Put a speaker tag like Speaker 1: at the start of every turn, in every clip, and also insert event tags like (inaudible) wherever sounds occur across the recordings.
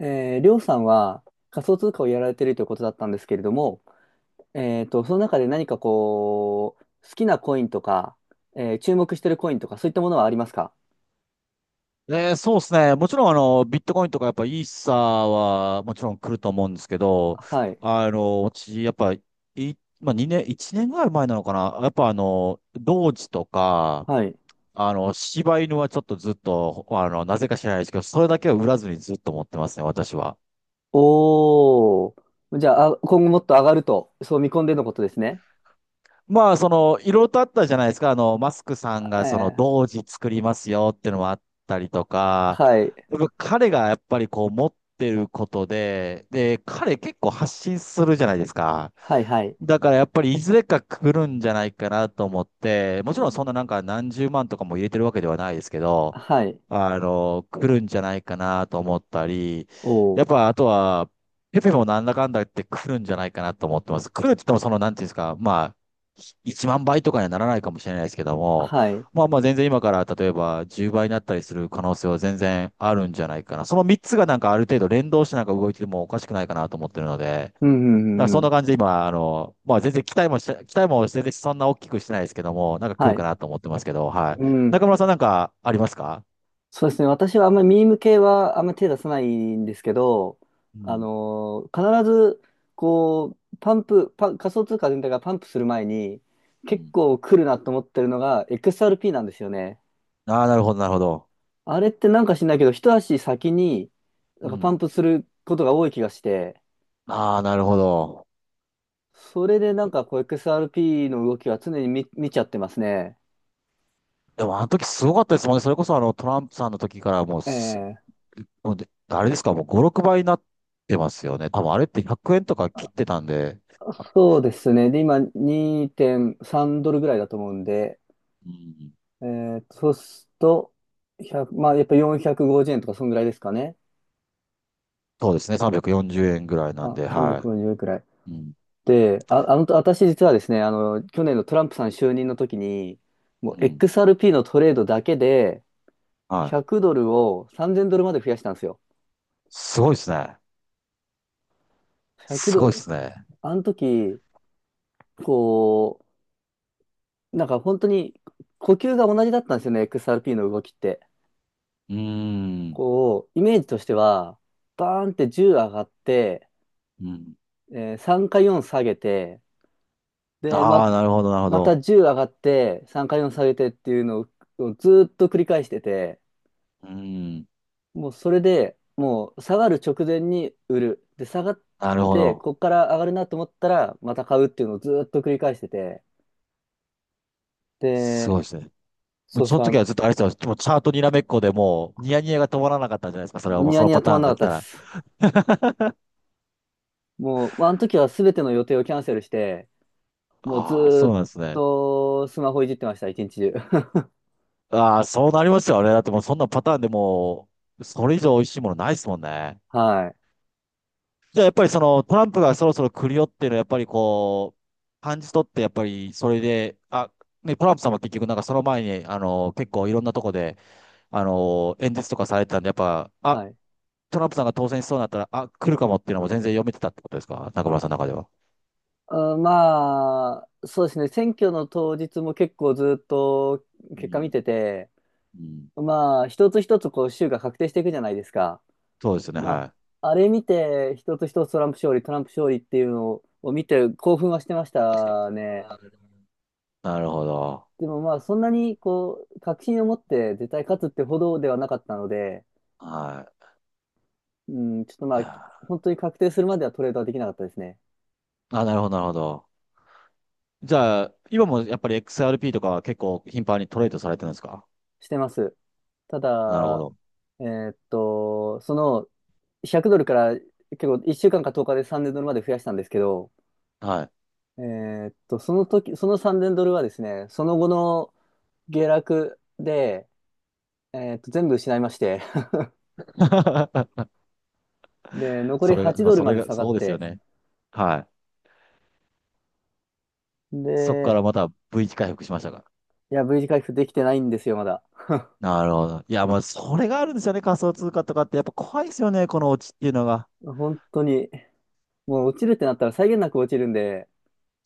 Speaker 1: りょうさんは仮想通貨をやられているということだったんですけれども、その中で何かこう、好きなコインとか、注目しているコインとか、そういったものはありますか？
Speaker 2: そうですね。もちろん、ビットコインとか、やっぱ、イーサーは、もちろん来ると思うんですけど、
Speaker 1: はい。
Speaker 2: あの、私、やっぱ、い、まあ、2年、1年ぐらい前なのかな。やっぱ、あの、同時とか、
Speaker 1: はい。
Speaker 2: 柴犬はちょっとずっと、なぜか知らないですけど、それだけは売らずにずっと持ってますね、私は。
Speaker 1: おー。じゃあ、今後もっと上がると、そう見込んでのことですね。
Speaker 2: まあ、その、いろいろとあったじゃないですか。マスクさん
Speaker 1: あ
Speaker 2: が、その、
Speaker 1: え
Speaker 2: 同時作りますよっていうのもあったりとか、
Speaker 1: はい。
Speaker 2: やっぱ彼がやっぱりこう持ってることで、で、彼結構発信するじゃないですか。
Speaker 1: はい、はい。
Speaker 2: だからやっぱりいずれか来るんじゃないかなと思って、もちろんそんななんか何十万とかも入れてるわけではないですけど、
Speaker 1: はい。
Speaker 2: 来るんじゃないかなと思ったり、や
Speaker 1: お
Speaker 2: っ
Speaker 1: ー。
Speaker 2: ぱあとは、ペペもなんだかんだ言って来るんじゃないかなと思ってます。来るって言ってもその、なんていうんですか、まあ、1万倍とかにはならないかもしれないですけども、
Speaker 1: はい。
Speaker 2: まあまあ全然今から例えば10倍になったりする可能性は全然あるんじゃないかな。その3つがなんかある程度連動してなんか動いてもおかしくないかなと思ってるので、だ
Speaker 1: うん、う
Speaker 2: か
Speaker 1: ん、
Speaker 2: ら
Speaker 1: うん。う
Speaker 2: そん
Speaker 1: ん。
Speaker 2: な感じで今、まあ全然期待もし期待も全然そんな大きくしてないですけども、なんか来
Speaker 1: は
Speaker 2: るか
Speaker 1: い。
Speaker 2: なと思ってますけど、はい。
Speaker 1: うん。
Speaker 2: 中村さんなんかありますか？
Speaker 1: そうですね。私はあんまりミーム系はあんまり手出さないんですけど、
Speaker 2: うん。
Speaker 1: 必ず、こう、パンプ、パン、仮想通貨全体がパンプする前に、
Speaker 2: う
Speaker 1: 結
Speaker 2: ん。
Speaker 1: 構来るなと思ってるのが XRP なんですよね。
Speaker 2: ああ、なるほど、なるほど。
Speaker 1: あれってなんか知んないけど、一足先にな
Speaker 2: う
Speaker 1: んかパン
Speaker 2: ん。
Speaker 1: プすることが多い気がして、
Speaker 2: ああ、なるほど。
Speaker 1: それでなんかこう XRP の動きは常に見ちゃってますね。
Speaker 2: でもあの時すごかったですもんね。それこそあのトランプさんの時から
Speaker 1: ええ
Speaker 2: もうであれですか、もう5、6倍になってますよね。多分あれって100円とか切ってたんで、あ
Speaker 1: そうですね。で、今2.3ドルぐらいだと思うんで、
Speaker 2: うん、
Speaker 1: そうすると、1、まあ、やっぱ450円とか、そんぐらいですかね。
Speaker 2: そうですね、340円ぐらいなん
Speaker 1: あ、
Speaker 2: で、は
Speaker 1: 350円、ごじゅうえんくらい。
Speaker 2: い。うん、
Speaker 1: で、私実はですね、去年のトランプさん就任の時に、もう
Speaker 2: うん、
Speaker 1: XRP のトレードだけで、
Speaker 2: はい。
Speaker 1: 100ドルを3000ドルまで増やしたんですよ。
Speaker 2: すごいですね。
Speaker 1: 100
Speaker 2: す
Speaker 1: ド
Speaker 2: ごいで
Speaker 1: ル。
Speaker 2: すね。
Speaker 1: あの時、こう、なんか本当に呼吸が同じだったんですよね、XRP の動きって。
Speaker 2: うーん。
Speaker 1: こう、イメージとしては、バーンって10上がって、
Speaker 2: うん。
Speaker 1: 3か4下げて、で、
Speaker 2: ああ、なるほど、なるほ
Speaker 1: また
Speaker 2: ど。
Speaker 1: 10上がって、3回も下げてっていうのをずーっと繰り返してて、
Speaker 2: うーん。
Speaker 1: もうそれでもう下がる直前に売る。で、下がっ
Speaker 2: なるほ
Speaker 1: て、
Speaker 2: ど。
Speaker 1: こっから上がるなと思ったら、また買うっていうのをずーっと繰り返してて、
Speaker 2: す
Speaker 1: で、
Speaker 2: ごいですね。も
Speaker 1: そ
Speaker 2: う
Speaker 1: う
Speaker 2: その
Speaker 1: そ
Speaker 2: 時
Speaker 1: う、
Speaker 2: はずっとあれですよ。もうチャートにらめっこでもう、ニヤニヤが止まらなかったんじゃないですか。それはもう
Speaker 1: ニ
Speaker 2: そ
Speaker 1: ヤ
Speaker 2: の
Speaker 1: ニヤ
Speaker 2: パ
Speaker 1: 止ま
Speaker 2: ター
Speaker 1: ん
Speaker 2: ン
Speaker 1: なか
Speaker 2: が
Speaker 1: っ
Speaker 2: 来
Speaker 1: た
Speaker 2: た
Speaker 1: で
Speaker 2: ら。
Speaker 1: す。もう、まあ、あの時は全ての予定をキャンセルして、もうず
Speaker 2: ああ、
Speaker 1: ー
Speaker 2: そう
Speaker 1: っ
Speaker 2: なんですね。
Speaker 1: とスマホいじってました、一日中。(laughs)
Speaker 2: ああ、そうなりますよね。だってもうそんなパターンでもう、それ以上美味しいものないですもんね。
Speaker 1: はい。
Speaker 2: じゃあやっぱりそのトランプがそろそろ来るよっていうのはやっぱりこう、感じ取ってやっぱりそれで、あ、ね、トランプさんは結局なんかその前に、結構いろんなとこで、あのー演説とかされてたんで、やっぱ、あ、
Speaker 1: はい。
Speaker 2: トランプさんが当選しそうになったら、あ、来るかもっていうのも全然読めてたってことですか中村さんの中では。
Speaker 1: まあ、そうですね、選挙の当日も結構ずっと
Speaker 2: う
Speaker 1: 結果見
Speaker 2: ん。
Speaker 1: てて、
Speaker 2: うん。
Speaker 1: まあ、一つ一つこう州が確定していくじゃないですか。
Speaker 2: そうですよね、
Speaker 1: ま
Speaker 2: はい。
Speaker 1: あ、あれ見て、一つ一つトランプ勝利、トランプ勝利っていうのを見て興奮はしてましたね。
Speaker 2: なるほど。
Speaker 1: でもまあ、そんなにこう、確信を持って絶対勝つってほどではなかったので、
Speaker 2: は
Speaker 1: うん、ちょっとま
Speaker 2: い。い
Speaker 1: あ、
Speaker 2: や
Speaker 1: 本当に確定するまではトレードはできなかったですね。
Speaker 2: ー、あ、なるほど、なるほど。じゃあ、今もやっぱり XRP とかは結構頻繁にトレードされてるんですか？
Speaker 1: してます。た
Speaker 2: なるほ
Speaker 1: だ、
Speaker 2: ど。
Speaker 1: えーっと、その、100ドルから結構1週間か10日で3000ドルまで増やしたんですけど、
Speaker 2: はい。
Speaker 1: その時、その3000ドルはですね、その後の下落で、全部失いまして、
Speaker 2: (laughs)
Speaker 1: (laughs) で、残
Speaker 2: そ
Speaker 1: り
Speaker 2: れが、
Speaker 1: 8
Speaker 2: まあ、
Speaker 1: ドル
Speaker 2: そ
Speaker 1: ま
Speaker 2: れ
Speaker 1: で
Speaker 2: が、
Speaker 1: 下が
Speaker 2: そ
Speaker 1: っ
Speaker 2: うですよ
Speaker 1: て、
Speaker 2: ね。はい。そこか
Speaker 1: で、
Speaker 2: らまた V 字回復しましたか？
Speaker 1: いや、V 字回復できてないんですよ、まだ。
Speaker 2: なるほど。いや、もうそれがあるんですよね、仮想通貨とかって。やっぱ怖いですよね、このオチっていうのが。
Speaker 1: 本当に、もう落ちるってなったら際限なく落ちるんで、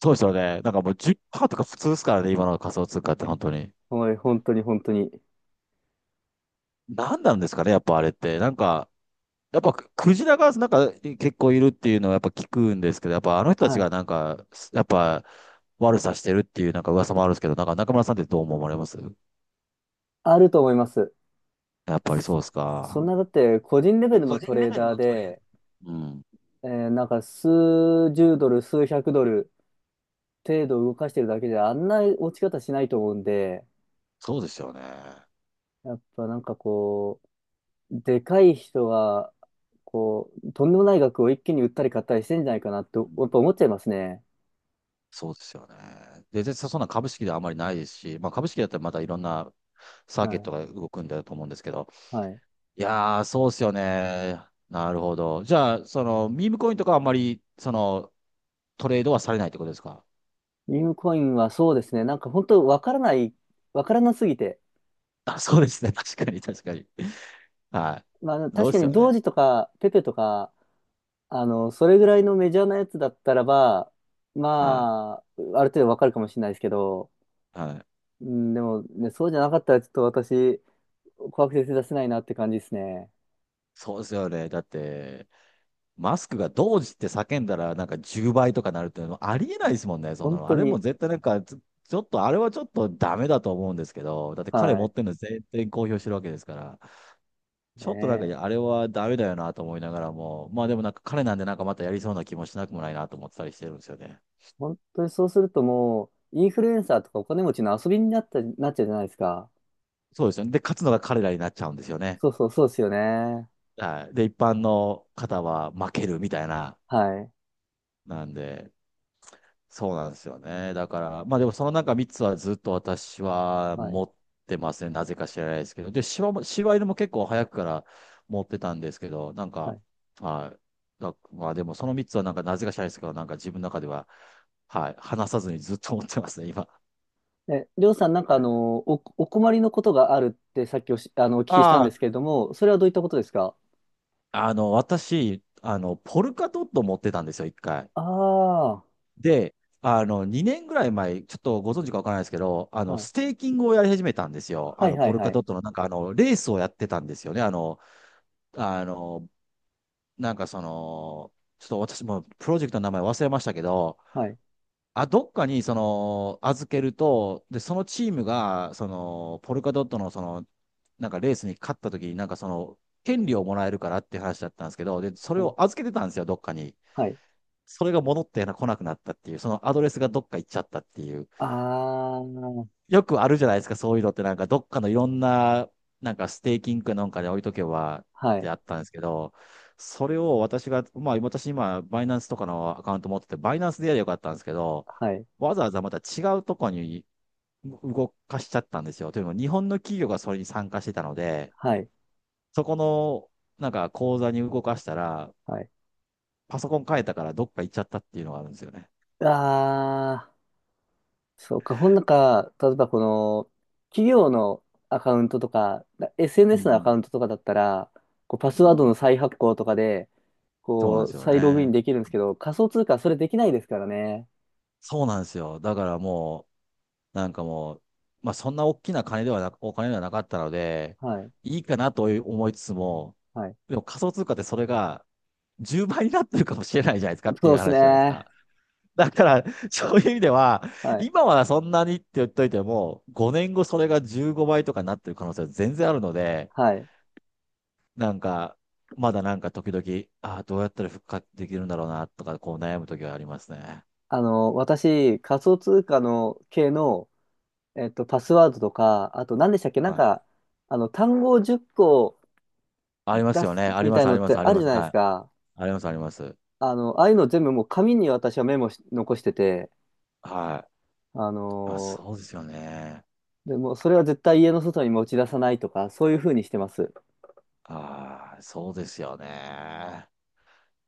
Speaker 2: そうですよね。なんかもう10%とか普通ですからね、今の仮想通貨って本当に。
Speaker 1: おい、本当に本当に。
Speaker 2: 何なんですかね、やっぱあれって。なんか、やっぱクジラがなんか結構いるっていうのはやっぱ聞くんですけど、やっぱあの人たち
Speaker 1: は
Speaker 2: が
Speaker 1: い。
Speaker 2: なんか、やっぱ悪さしてるっていうなんか噂もあるんですけど、なんか中村さんってどう思われます？
Speaker 1: あると思います。
Speaker 2: やっぱりそう
Speaker 1: そ、
Speaker 2: です
Speaker 1: そん
Speaker 2: か。
Speaker 1: なだって個人レベルのトレーダーで、
Speaker 2: うん。
Speaker 1: なんか数十ドル、数百ドル程度動かしてるだけじゃあんな落ち方しないと思うんで、
Speaker 2: そうですよね。
Speaker 1: やっぱなんかこう、でかい人は、こう、とんでもない額を一気に売ったり買ったりしてんじゃないかなってや
Speaker 2: う
Speaker 1: っ
Speaker 2: ん
Speaker 1: ぱ思っちゃいますね。
Speaker 2: そうですよね。で、そんな株式ではあまりないですし、まあ、株式だったらまたいろんなサーキ
Speaker 1: は
Speaker 2: ット
Speaker 1: い。
Speaker 2: が動くんだと思うんですけど、
Speaker 1: はい。
Speaker 2: いやー、そうですよね。なるほど。じゃあ、その、ミームコインとかはあんまり、その、トレードはされないってことですか？
Speaker 1: ビームコインはそうですね。なんか本当わからない、わからなすぎて。
Speaker 2: (laughs) あ、そうですね。(laughs) 確かに、確かに。は
Speaker 1: まあ
Speaker 2: い。そ
Speaker 1: 確
Speaker 2: うで
Speaker 1: か
Speaker 2: す
Speaker 1: に
Speaker 2: よ
Speaker 1: ドー
Speaker 2: ね。
Speaker 1: ジとかペペとか、それぐらいのメジャーなやつだったらば、
Speaker 2: は
Speaker 1: まあ、ある程度わかるかもしれないですけど、
Speaker 2: い。はい。
Speaker 1: うん、でもね、そうじゃなかったらちょっと私、怖くて手出せないなって感じですね。
Speaker 2: そうですよね。だって、マスクがどうって叫んだら、なんか10倍とかなるっていうのはありえないですもんね、そ
Speaker 1: 本
Speaker 2: の、あ
Speaker 1: 当
Speaker 2: れも
Speaker 1: に。
Speaker 2: 絶対なんか、ちょっと、あれはちょっとダメだと思うんですけど、だって彼
Speaker 1: は
Speaker 2: 持っ
Speaker 1: い。
Speaker 2: てるの全然公表してるわけですから、
Speaker 1: ね
Speaker 2: ちょっとなんか、い
Speaker 1: え。
Speaker 2: やあれはダメだよなと思いながらも、まあでもなんか彼なんでなんかまたやりそうな気もしなくもないなと思ってたりしてるんですよね。
Speaker 1: 本当にそうするともう、インフルエンサーとかお金持ちの遊びになっちゃうじゃないですか。
Speaker 2: そうですよね。で、勝つのが彼らになっちゃうんですよね。
Speaker 1: そうそう、そうですよね。
Speaker 2: はい。で、一般の方は負けるみたいな、
Speaker 1: はい。
Speaker 2: なんで、そうなんですよね。だから、まあでもその中3つはずっと私は
Speaker 1: はい。
Speaker 2: 持ってますね。なぜか知らないですけど。で、柴犬も結構早くから持ってたんですけど、なん
Speaker 1: は
Speaker 2: か、
Speaker 1: い。
Speaker 2: はい。だまあでもその3つはなんかなぜか知らないですけど、なんか自分の中では、はい。離さずにずっと持ってますね、今。
Speaker 1: え、りょうさん、なんかお困りのことがあるってさっきお聞きしたん
Speaker 2: あ
Speaker 1: で
Speaker 2: あ、
Speaker 1: すけれども、それはどういったことですか？
Speaker 2: 私、ポルカドット持ってたんですよ、一回。
Speaker 1: ああー。
Speaker 2: で、2年ぐらい前、ちょっとご存知かわからないですけど、
Speaker 1: はい。
Speaker 2: ステーキングをやり始めたんですよ。
Speaker 1: は
Speaker 2: あ
Speaker 1: い
Speaker 2: の、
Speaker 1: は
Speaker 2: ポ
Speaker 1: い
Speaker 2: ル
Speaker 1: は
Speaker 2: カ
Speaker 1: い。
Speaker 2: ドットのなんかあの、レースをやってたんですよね。あの、なんかその、ちょっと私もプロジェクトの名前忘れましたけど、
Speaker 1: はい。
Speaker 2: あ、どっかにその、預けると、で、そのチームが、その、ポルカドットのその、なんかレースに勝った時になんかその、権利をもらえるからっていう話だったんですけど、で、それ
Speaker 1: はい。
Speaker 2: を預けてたんですよ、どっかに。
Speaker 1: はい。
Speaker 2: それが戻ってな来なくなったっていう、そのアドレスがどっか行っちゃったっていう。
Speaker 1: あー。
Speaker 2: よくあるじゃないですか、そういうのってなんか、どっかのいろんな、なんかステーキングかなんかで置いとけばっ
Speaker 1: は
Speaker 2: て
Speaker 1: い。
Speaker 2: あったんですけど、それを私が、まあ私今、バイナンスとかのアカウント持ってて、バイナンスでやればよかったんですけど、
Speaker 1: はい。
Speaker 2: わざわざまた違うとこに動かしちゃったんですよ。というのも、日本の企業がそれに参加してたので、
Speaker 1: はい。
Speaker 2: そこの、なんか口座に動かしたら、
Speaker 1: はい。
Speaker 2: パソコン変えたからどっか行っちゃったっていうのがあるんですよね。
Speaker 1: あー。そうか。ほんなんか、例えばこの、企業のアカウントとか、
Speaker 2: う
Speaker 1: SNS のアカ
Speaker 2: ん。
Speaker 1: ウントとかだったら、こうパス
Speaker 2: う
Speaker 1: ワード
Speaker 2: ん、
Speaker 1: の再発行とかで、
Speaker 2: そうなん
Speaker 1: こ
Speaker 2: で
Speaker 1: う、
Speaker 2: すよ
Speaker 1: 再ログイ
Speaker 2: ね。
Speaker 1: ンできるんですけど、仮想通貨はそれできないですからね。
Speaker 2: そうなんですよ。だからもう、なんかもう、まあそんな大きな金ではな、お金ではなかったので、
Speaker 1: はい。
Speaker 2: いいかなと思いつつも、
Speaker 1: はい。
Speaker 2: でも仮想通貨ってそれが10倍になってるかもしれないじゃないですかってい
Speaker 1: そう
Speaker 2: う
Speaker 1: です
Speaker 2: 話じゃないです
Speaker 1: ね。
Speaker 2: か。だから、そういう意味では、
Speaker 1: はい。
Speaker 2: 今はそんなにって言っといても、5年後それが15倍とかになってる可能性は全然あるので、
Speaker 1: はい。
Speaker 2: なんか、まだなんか時々、ああ、どうやったら復活できるんだろうなとか、こう悩む時はありますね。
Speaker 1: 私、仮想通貨の系の、パスワードとか、あと何でしたっけなん
Speaker 2: はい。
Speaker 1: か、単語を10個
Speaker 2: あります
Speaker 1: 出
Speaker 2: よ
Speaker 1: す
Speaker 2: ね。あり
Speaker 1: み
Speaker 2: ま
Speaker 1: た
Speaker 2: す、
Speaker 1: い
Speaker 2: あ
Speaker 1: の
Speaker 2: り
Speaker 1: っ
Speaker 2: ます、
Speaker 1: て
Speaker 2: あり
Speaker 1: ある
Speaker 2: ま
Speaker 1: じ
Speaker 2: す。
Speaker 1: ゃないで
Speaker 2: は
Speaker 1: す
Speaker 2: い。
Speaker 1: か。
Speaker 2: あります、あります。
Speaker 1: ああいうの全部もう紙に私はメモし、残してて、
Speaker 2: はい。
Speaker 1: あ
Speaker 2: あ、
Speaker 1: の
Speaker 2: そ
Speaker 1: ー
Speaker 2: うですよね。
Speaker 1: でもそれは絶対家の外に持ち出さないとか、そういうふうにしてます。
Speaker 2: ああ、そうですよね。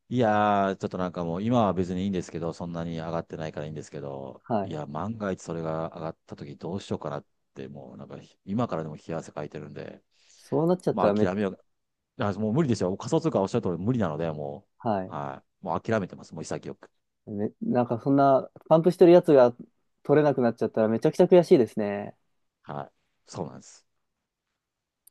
Speaker 2: いやー、ちょっとなんかもう今は別にいいんですけど、そんなに上がってないからいいんですけど、
Speaker 1: は
Speaker 2: い
Speaker 1: い。
Speaker 2: や、万が一それが上がった時どうしようかなって、もうなんか今からでも冷や汗かいてるんで、
Speaker 1: そうなっちゃっ
Speaker 2: ま
Speaker 1: た
Speaker 2: あ
Speaker 1: ら
Speaker 2: 諦めよう。あ、もう無理ですよ。仮想通貨おっしゃる通り無理なので、も
Speaker 1: は
Speaker 2: う、
Speaker 1: い。
Speaker 2: はい。もう諦めてます。もう潔く。
Speaker 1: なんかそんな、パンプしてるやつが取れなくなっちゃったらめちゃくちゃ悔しいですね。
Speaker 2: はい。そうなんです。